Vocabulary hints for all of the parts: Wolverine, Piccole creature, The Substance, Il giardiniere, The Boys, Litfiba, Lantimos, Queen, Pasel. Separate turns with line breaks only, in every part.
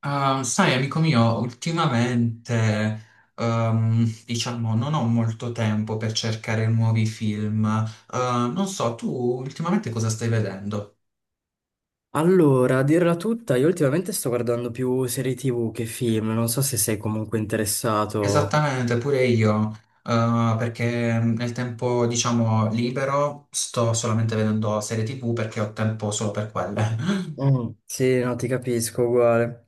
Ah, sai, amico mio, ultimamente, diciamo, non ho molto tempo per cercare nuovi film. Eh, non so, tu ultimamente cosa stai vedendo?
Allora, a dirla tutta, io ultimamente sto guardando più serie TV che film, non so se sei comunque interessato.
Esattamente, pure io, perché nel tempo, diciamo, libero sto solamente vedendo serie TV perché ho tempo solo per quelle.
Mm, sì, no, ti capisco, uguale.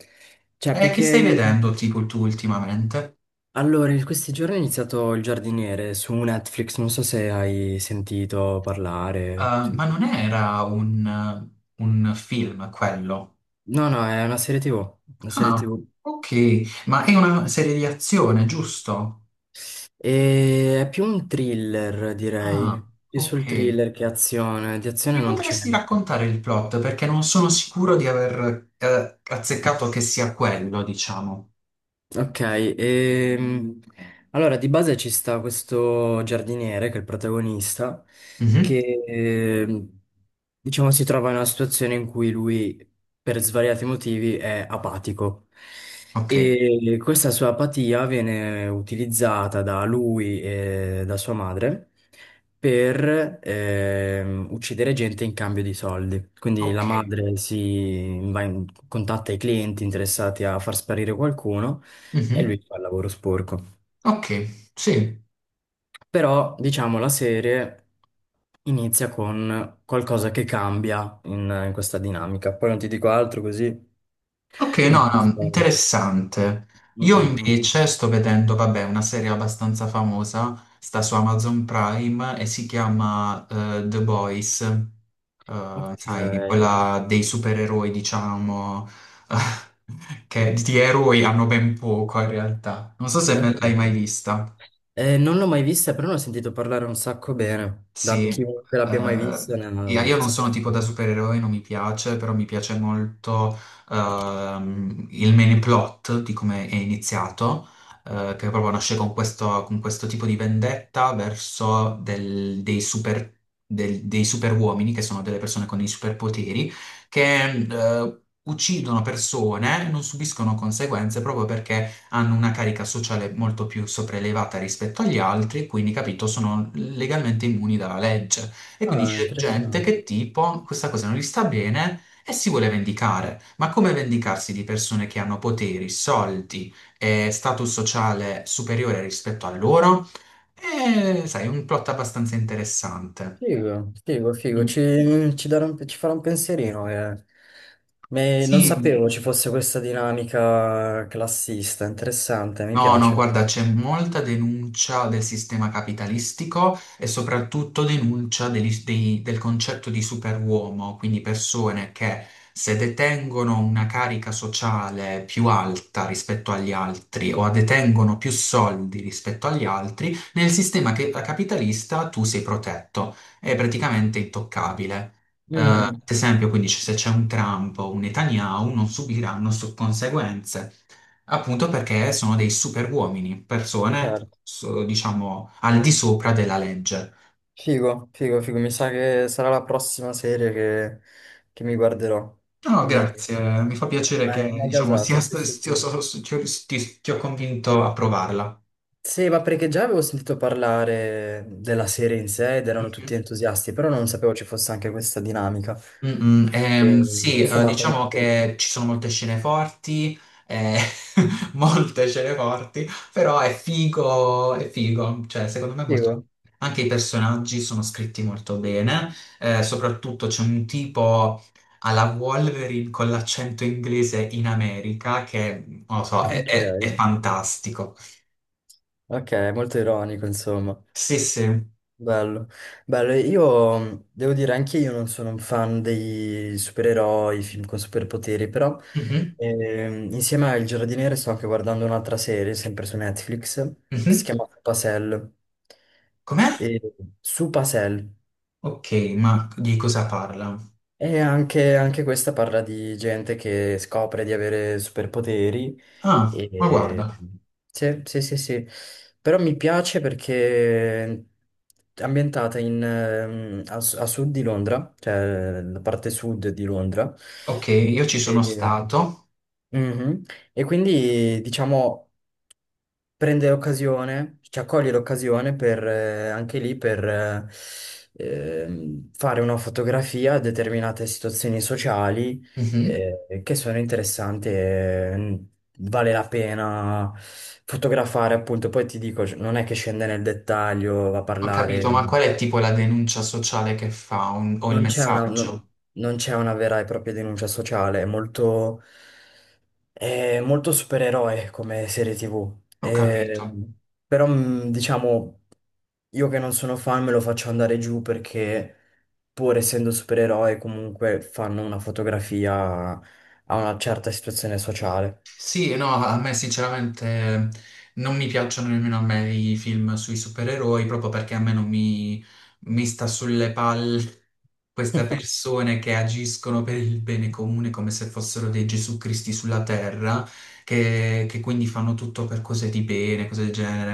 Cioè,
E
più
che stai
che.
vedendo, tipo, tu ultimamente?
Allora, in questi giorni ho iniziato Il giardiniere su Netflix, non so se hai sentito parlare.
Eh,
Sì.
ma non era un film quello?
No, no, è una serie TV, una serie
Ah,
TV.
ok, ma è una serie di azione, giusto?
E è più un thriller,
Ah,
direi. Più
ok.
sul thriller che azione, di azione
Mi
non c'è.
potresti raccontare il plot perché non sono sicuro di aver azzeccato che sia quello, diciamo.
Ok, ehm, allora di base ci sta questo giardiniere che è il protagonista,
Mhm,
che diciamo si trova in una situazione in cui lui per svariati motivi è apatico
ok,
e questa sua apatia viene utilizzata da lui e da sua madre per uccidere gente in cambio di soldi. Quindi la
ok,
madre contatta i clienti interessati a far sparire qualcuno e
mhm,
lui fa il lavoro sporco.
ok, sì.
Però, diciamo, la serie inizia con qualcosa che cambia in questa dinamica. Poi non ti dico altro così
Ok,
non
no,
te la
no,
spoil.
interessante.
Mm,
Io
mm, mm.
invece sto vedendo, vabbè, una serie abbastanza famosa, sta su Amazon Prime e si chiama The Boys. Eh,
Ok,
sai, quella dei supereroi, diciamo, che di eroi hanno ben poco in realtà. Non so se me l'hai
ok.
mai vista.
Non l'ho mai vista, però ne ho sentito parlare un sacco bene. Da
Sì,
chiunque l'abbia mai
eh,
vista.
io io non sono tipo da supereroe, non mi piace, però mi piace molto il main plot di come è iniziato, che proprio nasce con questo tipo di vendetta verso dei super, dei super uomini, che sono delle persone con dei superpoteri, che eh, uccidono persone e non subiscono conseguenze proprio perché hanno una carica sociale molto più sopraelevata rispetto agli altri, quindi capito, sono legalmente immuni dalla legge. E quindi
Ah,
c'è gente
interessante.
che tipo questa cosa non gli sta bene e si vuole vendicare. Ma come vendicarsi di persone che hanno poteri, soldi e status sociale superiore rispetto a loro? È, sai, un plot abbastanza interessante.
Figo, figo, figo.
Mm.
Ci farà un pensierino. Eh. Non
Sì,
sapevo ci fosse questa dinamica classista, interessante, mi
no, no,
piace.
guarda, c'è molta denuncia del sistema capitalistico e soprattutto denuncia del concetto di superuomo, quindi persone che se detengono una carica sociale più alta rispetto agli altri o detengono più soldi rispetto agli altri, nel sistema capitalista tu sei protetto, è praticamente intoccabile. Mm, ad
Mhm,
esempio, quindi se c'è un Trump o un Netanyahu non subiranno conseguenze. Appunto perché sono dei super uomini, persone,
certo.
diciamo, al di sopra della legge.
Figo, figo, figo. Mi sa che sarà la prossima serie che mi guarderò.
No, no,
Vieni.
grazie, mi fa piacere
Mai,
che,
mai
diciamo, sia
gasato, sì,
sta-
sì,
sia-
sì.
so- so- ti ho ti ho convinto a provarla.
Sì, ma perché già avevo sentito parlare della serie in sé ed erano tutti entusiasti, però non sapevo ci fosse anche questa dinamica.
Mm, mm,
E
sì,
questa mi ha
diciamo
contento.
che ci sono molte scene forti, eh, molte scene forti, però è figo, cioè secondo me è molto...
Figo.
Anche i personaggi sono scritti molto bene, soprattutto c'è un tipo alla Wolverine con l'accento inglese in America che, non lo so, è,
Ok,
è fantastico.
ok, molto ironico, insomma.
Sì, sì.
Bello, bello. Io devo dire, anche io non sono un fan dei supereroi, film con superpoteri, però
Mhm,
insieme a Il Giardiniere sto anche guardando un'altra serie, sempre su Netflix, che si
mhm.
chiama Pasel.
Com'è?
E, su Pasel.
Ok, ma di cosa parla?
E anche, anche questa parla di gente che scopre di avere superpoteri.
Ah, ma
E...
guarda.
Sì, sì, sì, sì. Però mi piace perché è ambientata a sud di Londra, cioè la parte sud di Londra.
Ok, io ci sono
E.
stato.
Mhm. E quindi diciamo prendere occasione, cioè cogliere occasione per, anche lì per fare una fotografia a determinate situazioni sociali
Mhm.
che sono interessanti e vale la pena fotografare, appunto. Poi ti dico, non è che scende nel dettaglio, va a
Ho
parlare,
capito, ma qual è tipo la denuncia sociale che fa o il
non c'è una,
messaggio?
non, non c'è una vera e propria denuncia sociale, è molto supereroe come serie TV.
Ho
Eh,
capito.
Però, diciamo. Io che non sono fan me lo faccio andare giù perché pur essendo supereroi comunque fanno una fotografia a una certa situazione sociale.
Sì, no, a me sinceramente non mi piacciono nemmeno a me i film sui supereroi, proprio perché a me non mi, mi sta sulle palle queste persone che agiscono per il bene comune come se fossero dei Gesù Cristi sulla terra, che quindi fanno tutto per cose di bene, cose del genere,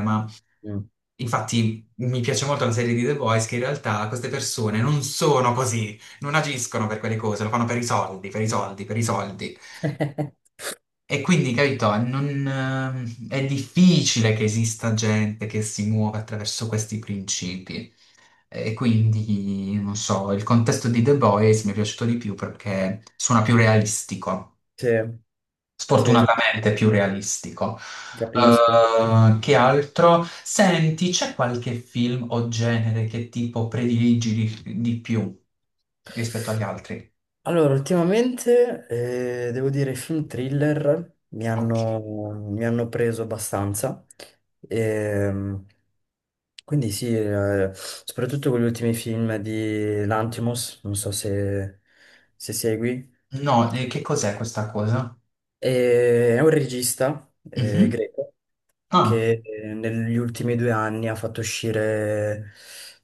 Mm.
infatti mi piace molto la serie di The Boys che in realtà queste persone non sono così, non agiscono per quelle cose, lo fanno per i soldi, per i soldi, per i soldi. E quindi, capito, non, è difficile che esista gente che si muova attraverso questi principi. E quindi, non so, il contesto di The Boys mi è piaciuto di più perché suona più realistico,
Sì, sì, sì,
sfortunatamente più realistico.
capisco.
Che altro? Senti, c'è qualche film o genere che tipo prediligi di più rispetto agli altri?
Allora, ultimamente devo dire i film thriller mi
Ok.
hanno, mi hanno preso abbastanza. Ehm, quindi sì, soprattutto con gli ultimi film di Lantimos, non so se segui.
No, che cos'è questa cosa?
E è un regista
Mhm.
greco
Ah,
che. Mm. Negli ultimi due anni ha fatto uscire,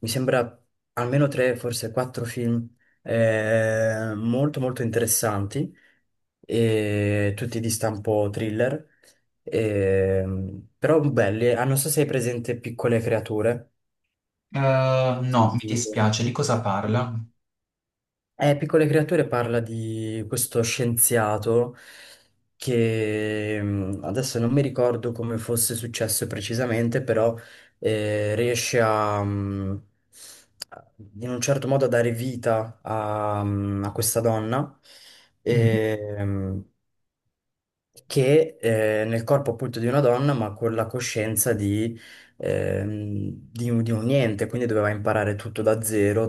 mi sembra, almeno tre, forse quattro film molto molto interessanti, e tutti di stampo thriller, e- però belli. Ah, non so se hai presente Piccole creature.
eh, no, mi
Sentito.
dispiace, di cosa parla?
Piccole creature parla di questo scienziato che adesso non mi ricordo come fosse successo precisamente, però riesce a- in un certo modo a dare vita a questa donna.
Mhm.
E, che nel corpo appunto di una donna, ma con la coscienza di un niente, quindi doveva imparare tutto da zero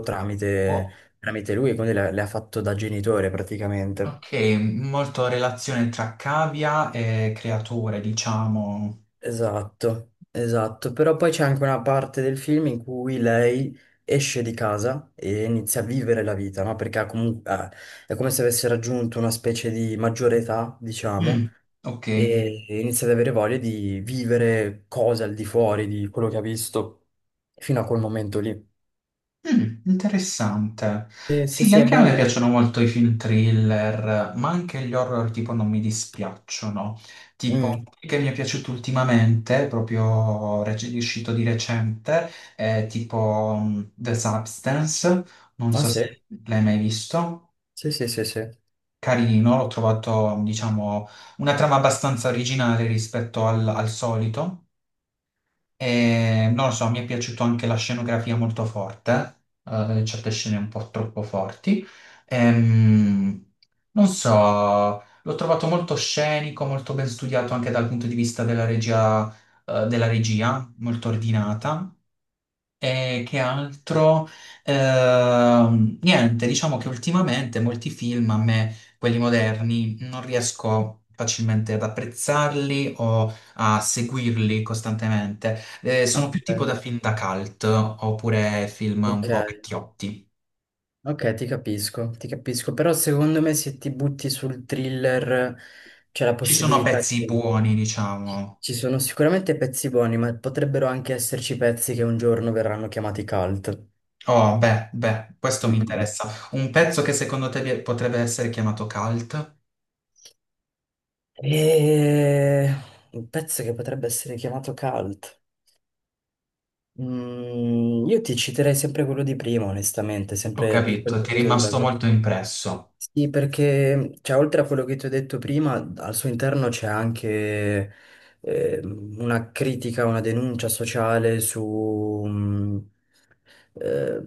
Oh,
tramite lui, quindi le ha fatto da genitore praticamente.
ok, molto relazione tra cavia e creature, diciamo.
Esatto, esatto, però poi c'è anche una parte del film in cui lei esce di casa e inizia a vivere la vita, no? Perché ha comunque, è come se avesse raggiunto una specie di maggiore età, diciamo,
Mm, ok.
e inizia ad avere voglia di vivere cose al di fuori di quello che ha visto fino a quel momento lì.
Mm, interessante.
Sì, sì,
Sì,
sì, è
anche a me
bello.
piacciono molto i film thriller, ma anche gli horror tipo non mi dispiacciono. Tipo,
Mm.
che mi è piaciuto ultimamente, proprio uscito di recente, è tipo mm, The Substance, non
Ah
so
sì,
se l'hai mai visto.
sì, sì, sì, sì.
Carino, l'ho trovato, diciamo, una trama abbastanza originale rispetto al solito. E, non lo so, mi è piaciuto anche la scenografia molto forte, certe scene un po' troppo forti. Ehm, non so, l'ho trovato molto scenico, molto ben studiato anche dal punto di vista della regia, molto ordinata. E che altro? Niente, diciamo che ultimamente molti film a me, quelli moderni, non riesco facilmente ad apprezzarli o a seguirli costantemente. Sono più tipo
Ok.
da film da cult oppure film un
Ok,
po' vecchiotti.
ok, ti capisco, però secondo me se ti butti sul thriller c'è la
Ci sono
possibilità che
pezzi buoni,
ci
diciamo.
ci sono sicuramente pezzi buoni, ma potrebbero anche esserci pezzi che un giorno verranno chiamati cult.
Oh, beh, beh, questo
Mm,
mi
mm, mm.
interessa. Un pezzo che secondo te potrebbe essere chiamato cult?
E... Un pezzo che potrebbe essere chiamato cult. Mm, io ti citerei sempre quello di prima, onestamente,
Ho
sempre
capito,
piccole
ti è
cose.
rimasto molto impresso.
Sì, perché cioè, oltre a quello che ti ho detto prima, al suo interno c'è anche una critica, una denuncia sociale su, eh,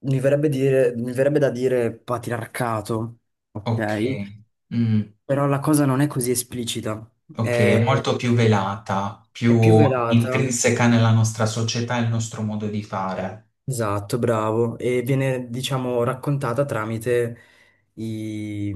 mi verrebbe da dire patriarcato,
Ok.
ok?
Mm.
Però la cosa non è così esplicita,
Ok, è
è,
molto più velata,
è più
più
velata.
intrinseca nella nostra società e il nostro modo di fare.
Esatto, bravo. E viene, diciamo, raccontata tramite i,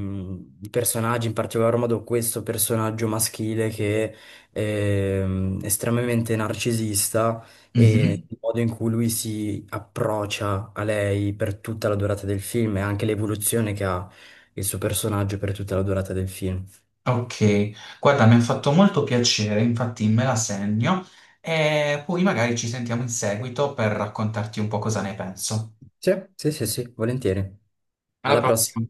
i personaggi, in particolar modo questo personaggio maschile che è estremamente narcisista. Mm. E
Mhm.
il modo in cui lui si approccia a lei per tutta la durata del film e anche l'evoluzione che ha il suo personaggio per tutta la durata del film.
Ok, guarda, mi ha fatto molto piacere, infatti me la segno e poi magari ci sentiamo in seguito per raccontarti un po' cosa ne penso.
Sì, sì, sì, sì, volentieri.
Alla
Alla
prossima.
prossima.